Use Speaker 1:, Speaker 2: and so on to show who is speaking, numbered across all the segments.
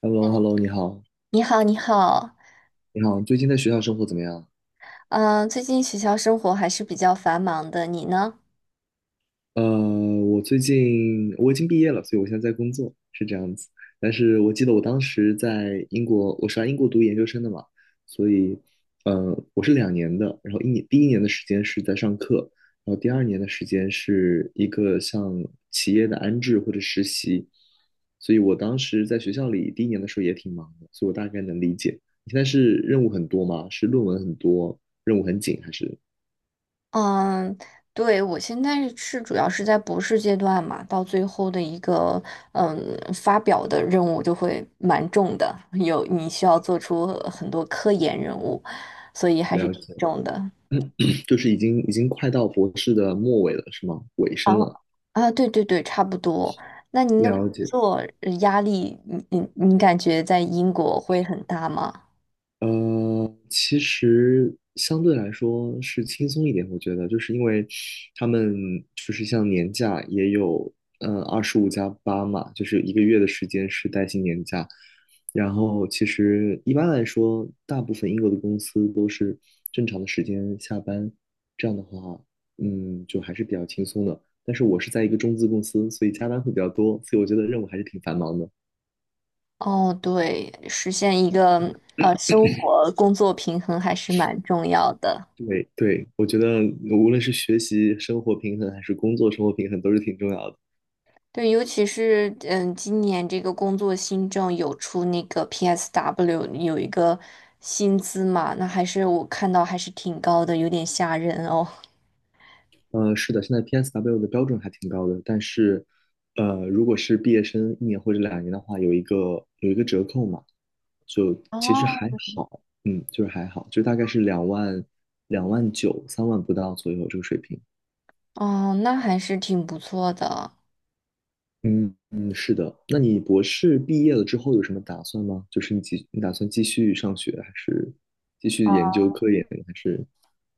Speaker 1: h e l l o hello 你好，
Speaker 2: 你好，你好，
Speaker 1: 你好，最近在学校生活怎么样？
Speaker 2: 嗯，最近学校生活还是比较繁忙的，你呢？
Speaker 1: 呃，我最近我已经毕业了，所以我现在在工作，是这样子。但是我记得我当时在英国，我是来英国读研究生的嘛，所以，我是两年的，然后第一年的时间是在上课，然后第二年的时间是一个像企业的安置或者实习，所以我当时在学校里第一年的时候也挺忙的，所以我大概能理解。你现在是任务很多吗？是论文很多，任务很紧还是？
Speaker 2: 嗯，对，我现在是主要是在博士阶段嘛，到最后的一个嗯发表的任务就会蛮重的，有你需要做出很多科研任务，所以还是
Speaker 1: 了
Speaker 2: 挺
Speaker 1: 解，
Speaker 2: 重的。
Speaker 1: 就是已经快到博士的末尾了，是吗？尾
Speaker 2: 啊
Speaker 1: 声了，
Speaker 2: 啊，对对对，差不多。那您的工
Speaker 1: 了解。
Speaker 2: 作压力，你感觉在英国会很大吗？
Speaker 1: 其实相对来说是轻松一点，我觉得，就是因为他们就是像年假也有，25加8嘛，就是1个月的时间是带薪年假。然后其实一般来说，大部分英国的公司都是正常的时间下班，这样的话，就还是比较轻松的。但是我是在一个中资公司，所以加班会比较多，所以我觉得任务还是挺繁忙的。
Speaker 2: 哦，对，实现一个生活工作平衡还是蛮重要的。
Speaker 1: 对对，我觉得无论是学习生活平衡，还是工作生活平衡，都是挺重要的。
Speaker 2: 对，尤其是嗯，今年这个工作新政有出那个 PSW 有一个薪资嘛，那还是我看到还是挺高的，有点吓人哦。
Speaker 1: 是的，现在 PSW 的标准还挺高的，但是，如果是毕业生一年或者两年的话，有一个折扣嘛，就其实
Speaker 2: 哦，
Speaker 1: 还好，就是还好，就大概是两万2万93万不到左右这个水平。
Speaker 2: 哦，那还是挺不错的。
Speaker 1: 嗯嗯，是的。那你博士毕业了之后有什么打算吗？就是你打算继续上学，还是继续研究科研，还是？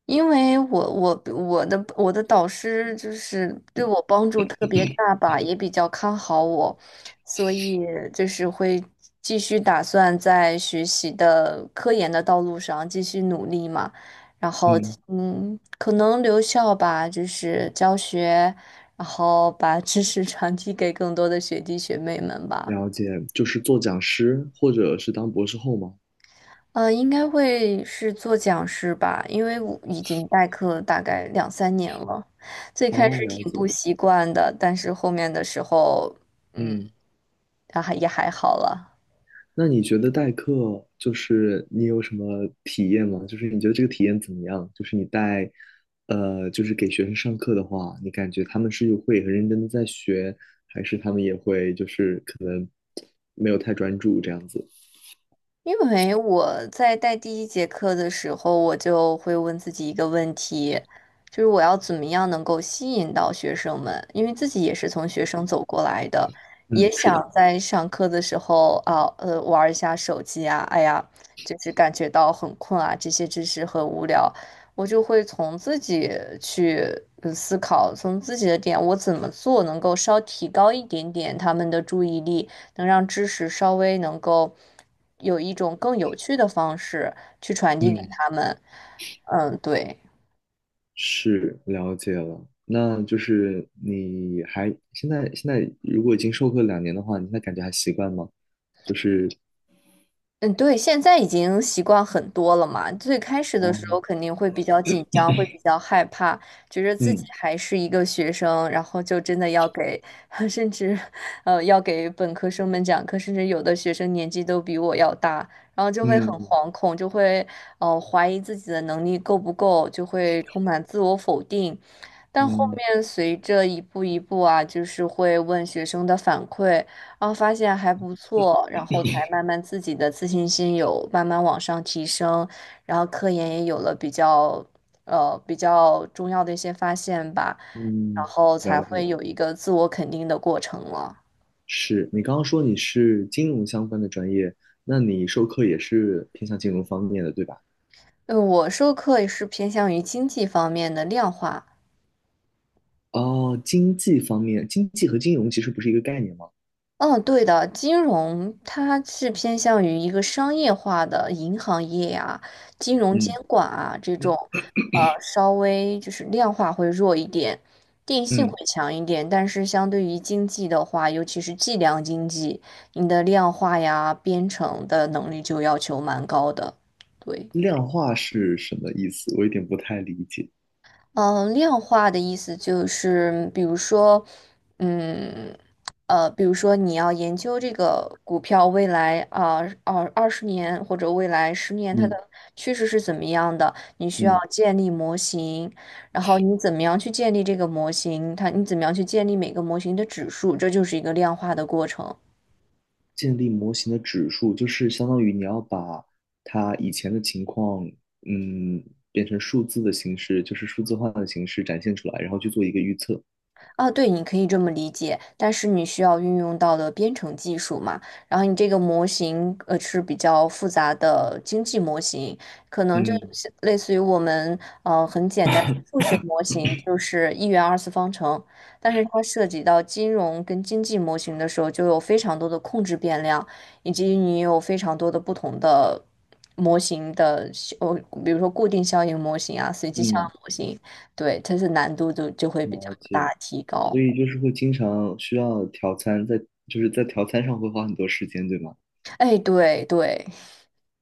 Speaker 2: 因为我的导师就是对我帮助特别大吧，也比较看好我，所以就是会继续打算在学习的科研的道路上继续努力嘛。然后
Speaker 1: 嗯，
Speaker 2: 嗯，可能留校吧，就是教学，然后把知识传递给更多的学弟学妹们吧。
Speaker 1: 了解，就是做讲师或者是当博士后吗？
Speaker 2: 应该会是做讲师吧，因为我已经代课大概两三年了，最开始
Speaker 1: 哦，了
Speaker 2: 挺不
Speaker 1: 解，
Speaker 2: 习惯的，但是后面的时候，嗯，
Speaker 1: 嗯，
Speaker 2: 还也还好了。
Speaker 1: 那你觉得代课就是你有什么体验吗？就是你觉得这个体验怎么样？就是你带，就是给学生上课的话，你感觉他们是会很认真的在学，还是他们也会就是可能没有太专注这样子？
Speaker 2: 因为我在带第一节课的时候，我就会问自己一个问题，就是我要怎么样能够吸引到学生们？因为自己也是从学生走过来的，也
Speaker 1: 嗯，是
Speaker 2: 想
Speaker 1: 的，
Speaker 2: 在上课的时候啊，玩儿一下手机啊，哎呀，就是感觉到很困啊，这些知识很无聊，我就会从自己去思考，从自己的点，我怎么做能够稍提高一点点他们的注意力。能让知识稍微能够有一种更有趣的方式去传递给
Speaker 1: 嗯。
Speaker 2: 他们。嗯，对。
Speaker 1: 是了解了，那就是你还现在如果已经授课两年的话，你现在感觉还习惯吗？就是
Speaker 2: 嗯，对，现在已经习惯很多了嘛。最开始的
Speaker 1: 哦，
Speaker 2: 时候肯定会比较紧张，会比较害怕，觉着自己
Speaker 1: 嗯
Speaker 2: 还是一个学生，然后就真的要给，甚至，要给本科生们讲课，甚至有的学生年纪都比我要大，然后就会很
Speaker 1: 嗯
Speaker 2: 惶恐，就会，怀疑自己的能力够不够，就会充满自我否定。但后
Speaker 1: 嗯
Speaker 2: 面随着一步一步啊，就是会问学生的反馈。然后发现还不错，然后才慢慢自己的自信心有慢慢往上提升，然后科研也有了比较重要的一些发现吧，然
Speaker 1: 嗯，
Speaker 2: 后才
Speaker 1: 了
Speaker 2: 会
Speaker 1: 解。
Speaker 2: 有一个自我肯定的过程了。
Speaker 1: 是你刚刚说你是金融相关的专业，那你授课也是偏向金融方面的，对吧？
Speaker 2: 我授课也是偏向于经济方面的量化。
Speaker 1: 哦，经济方面，经济和金融其实不是一个概念吗？
Speaker 2: 嗯，对的，金融它是偏向于一个商业化的银行业啊、金融监
Speaker 1: 嗯
Speaker 2: 管啊这种，稍微就是量化会弱一点，定性会
Speaker 1: 嗯，
Speaker 2: 强一点，但是相对于经济的话，尤其是计量经济，你的量化呀、编程的能力就要求蛮高的。对。
Speaker 1: 量化是什么意思？我有点不太理解。
Speaker 2: 嗯，量化的意思就是，嗯，比如说你要研究这个股票未来啊，十年或者未来十年它的
Speaker 1: 嗯
Speaker 2: 趋势是怎么样的，你需要
Speaker 1: 嗯，
Speaker 2: 建立模型，然后你怎么样去建立这个模型，它你怎么样去建立每个模型的指数，这就是一个量化的过程。
Speaker 1: 建立模型的指数，就是相当于你要把它以前的情况，嗯，变成数字的形式，就是数字化的形式展现出来，然后去做一个预测。
Speaker 2: 啊，对，你可以这么理解，但是你需要运用到的编程技术嘛，然后你这个模型是比较复杂的经济模型，可能就
Speaker 1: 嗯
Speaker 2: 是类似于我们很简单的数学模型，就是一元二次方程，但是它涉及到金融跟经济模型的时候，就有非常多的控制变量，以及你有非常多的不同的模型的效，比如说固定效应模型啊，随机效
Speaker 1: 嗯，
Speaker 2: 应模型。对，它是难度就会比较
Speaker 1: 了解。
Speaker 2: 大提
Speaker 1: 所
Speaker 2: 高。
Speaker 1: 以就是会经常需要调参，就是在调参上会花很多时间，对吗？
Speaker 2: 哎，对对，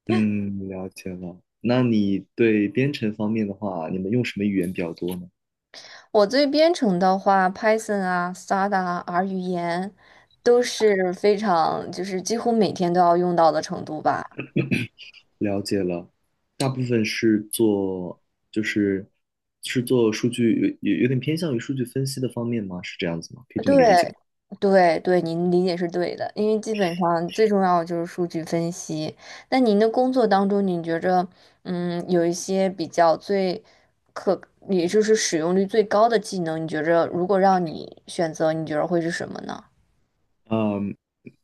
Speaker 1: 嗯，了解了。那你对编程方面的话，你们用什么语言比较多呢？
Speaker 2: 我对编程的话，Python 啊、Stata 啊、R 语言都是非常，就是几乎每天都要用到的程度吧。
Speaker 1: 了解了，大部分是做就是是做数据，有点偏向于数据分析的方面吗？是这样子吗？可以这么理解
Speaker 2: 对
Speaker 1: 吗？
Speaker 2: 对对，您理解是对的，因为基本上最重要的就是数据分析。那您的工作当中，你觉着有一些比较最可，也就是使用率最高的技能，你觉着如果让你选择，你觉着会是什么呢？
Speaker 1: 嗯。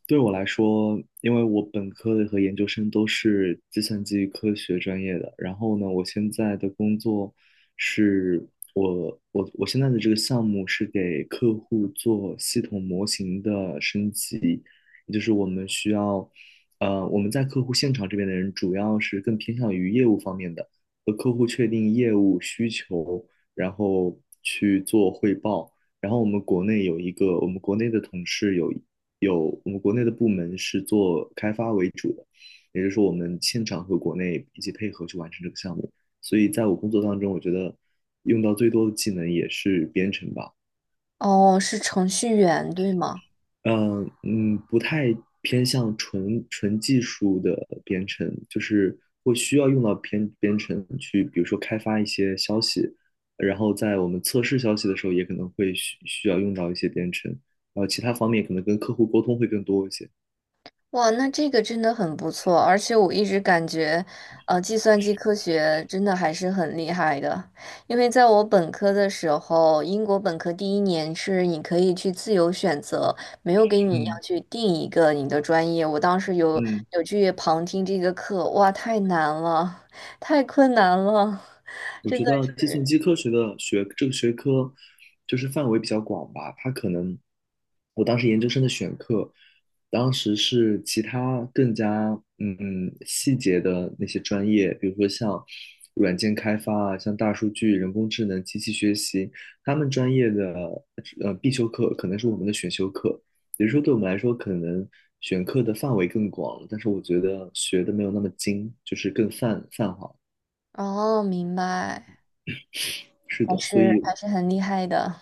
Speaker 1: 对我来说，因为我本科的和研究生都是计算机科学专业的，然后呢，我现在的工作是我现在的这个项目是给客户做系统模型的升级，也就是我们需要，我们在客户现场这边的人主要是更偏向于业务方面的，和客户确定业务需求，然后去做汇报。然后我们国内有一个，我们国内的同事有我们国内的部门是做开发为主的，也就是说我们现场和国内一起配合去完成这个项目。所以在我工作当中，我觉得用到最多的技能也是编程吧。
Speaker 2: 哦，是程序员，对吗？
Speaker 1: 嗯嗯，不太偏向纯纯技术的编程，就是会需要用到编程去，比如说开发一些消息，然后在我们测试消息的时候，也可能会需要用到一些编程，然后其他方面可能跟客户沟通会更多一些。
Speaker 2: 哇，那这个真的很不错，而且我一直感觉，计算机科学真的还是很厉害的，因为在我本科的时候，英国本科第一年是你可以去自由选择，没有给你
Speaker 1: 嗯
Speaker 2: 要去定一个你的专业。我当时有
Speaker 1: 嗯。
Speaker 2: 去旁听这个课，哇，太难了，太困难了，
Speaker 1: 我
Speaker 2: 真
Speaker 1: 觉
Speaker 2: 的
Speaker 1: 得计算
Speaker 2: 是。
Speaker 1: 机科学的学这个学科，就是范围比较广吧。它可能，我当时研究生的选课，当时是其他更加细节的那些专业，比如说像软件开发啊，像大数据、人工智能、机器学习，他们专业的必修课可能是我们的选修课，也就是说对我们来说可能选课的范围更广了但是我觉得学的没有那么精，就是更泛泛化。
Speaker 2: 哦，明白，
Speaker 1: 是
Speaker 2: 还
Speaker 1: 的，所
Speaker 2: 是
Speaker 1: 以
Speaker 2: 还是很厉害的。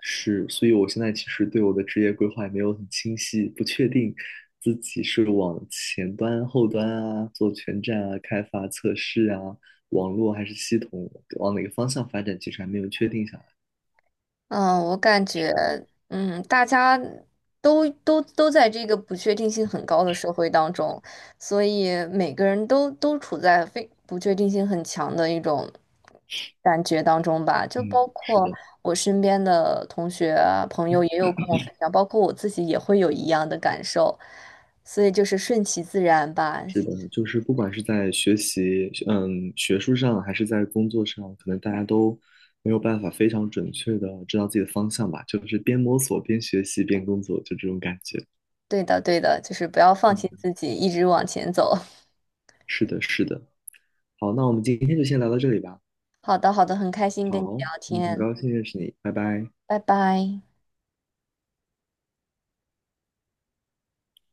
Speaker 1: 是，所以我现在其实对我的职业规划也没有很清晰，不确定自己是往前端、后端啊，做全站啊、开发、测试啊、网络还是系统，往哪个方向发展，其实还没有确定下来。
Speaker 2: 嗯，我感觉，大家都在这个不确定性很高的社会当中，所以每个人都处在非不确定性很强的一种感觉当中吧。就
Speaker 1: 嗯，
Speaker 2: 包
Speaker 1: 是
Speaker 2: 括
Speaker 1: 的，
Speaker 2: 我身边的同学啊朋友也有跟我分享，包括我自己也会有一样的感受，所以就是顺其自然吧。
Speaker 1: 是的，就是不管是在学习，学术上还是在工作上，可能大家都没有办法非常准确的知道自己的方向吧，就是边摸索边学习边工作，就这种感觉。
Speaker 2: 对的，对的，就是不要放弃
Speaker 1: 嗯，
Speaker 2: 自己，一直往前走。
Speaker 1: 是的，是的。好，那我们今天就先聊到这里吧。
Speaker 2: 好的，好的，很开心跟你
Speaker 1: 好，
Speaker 2: 聊
Speaker 1: 嗯，很
Speaker 2: 天，
Speaker 1: 高兴认识你，拜拜。
Speaker 2: 拜拜。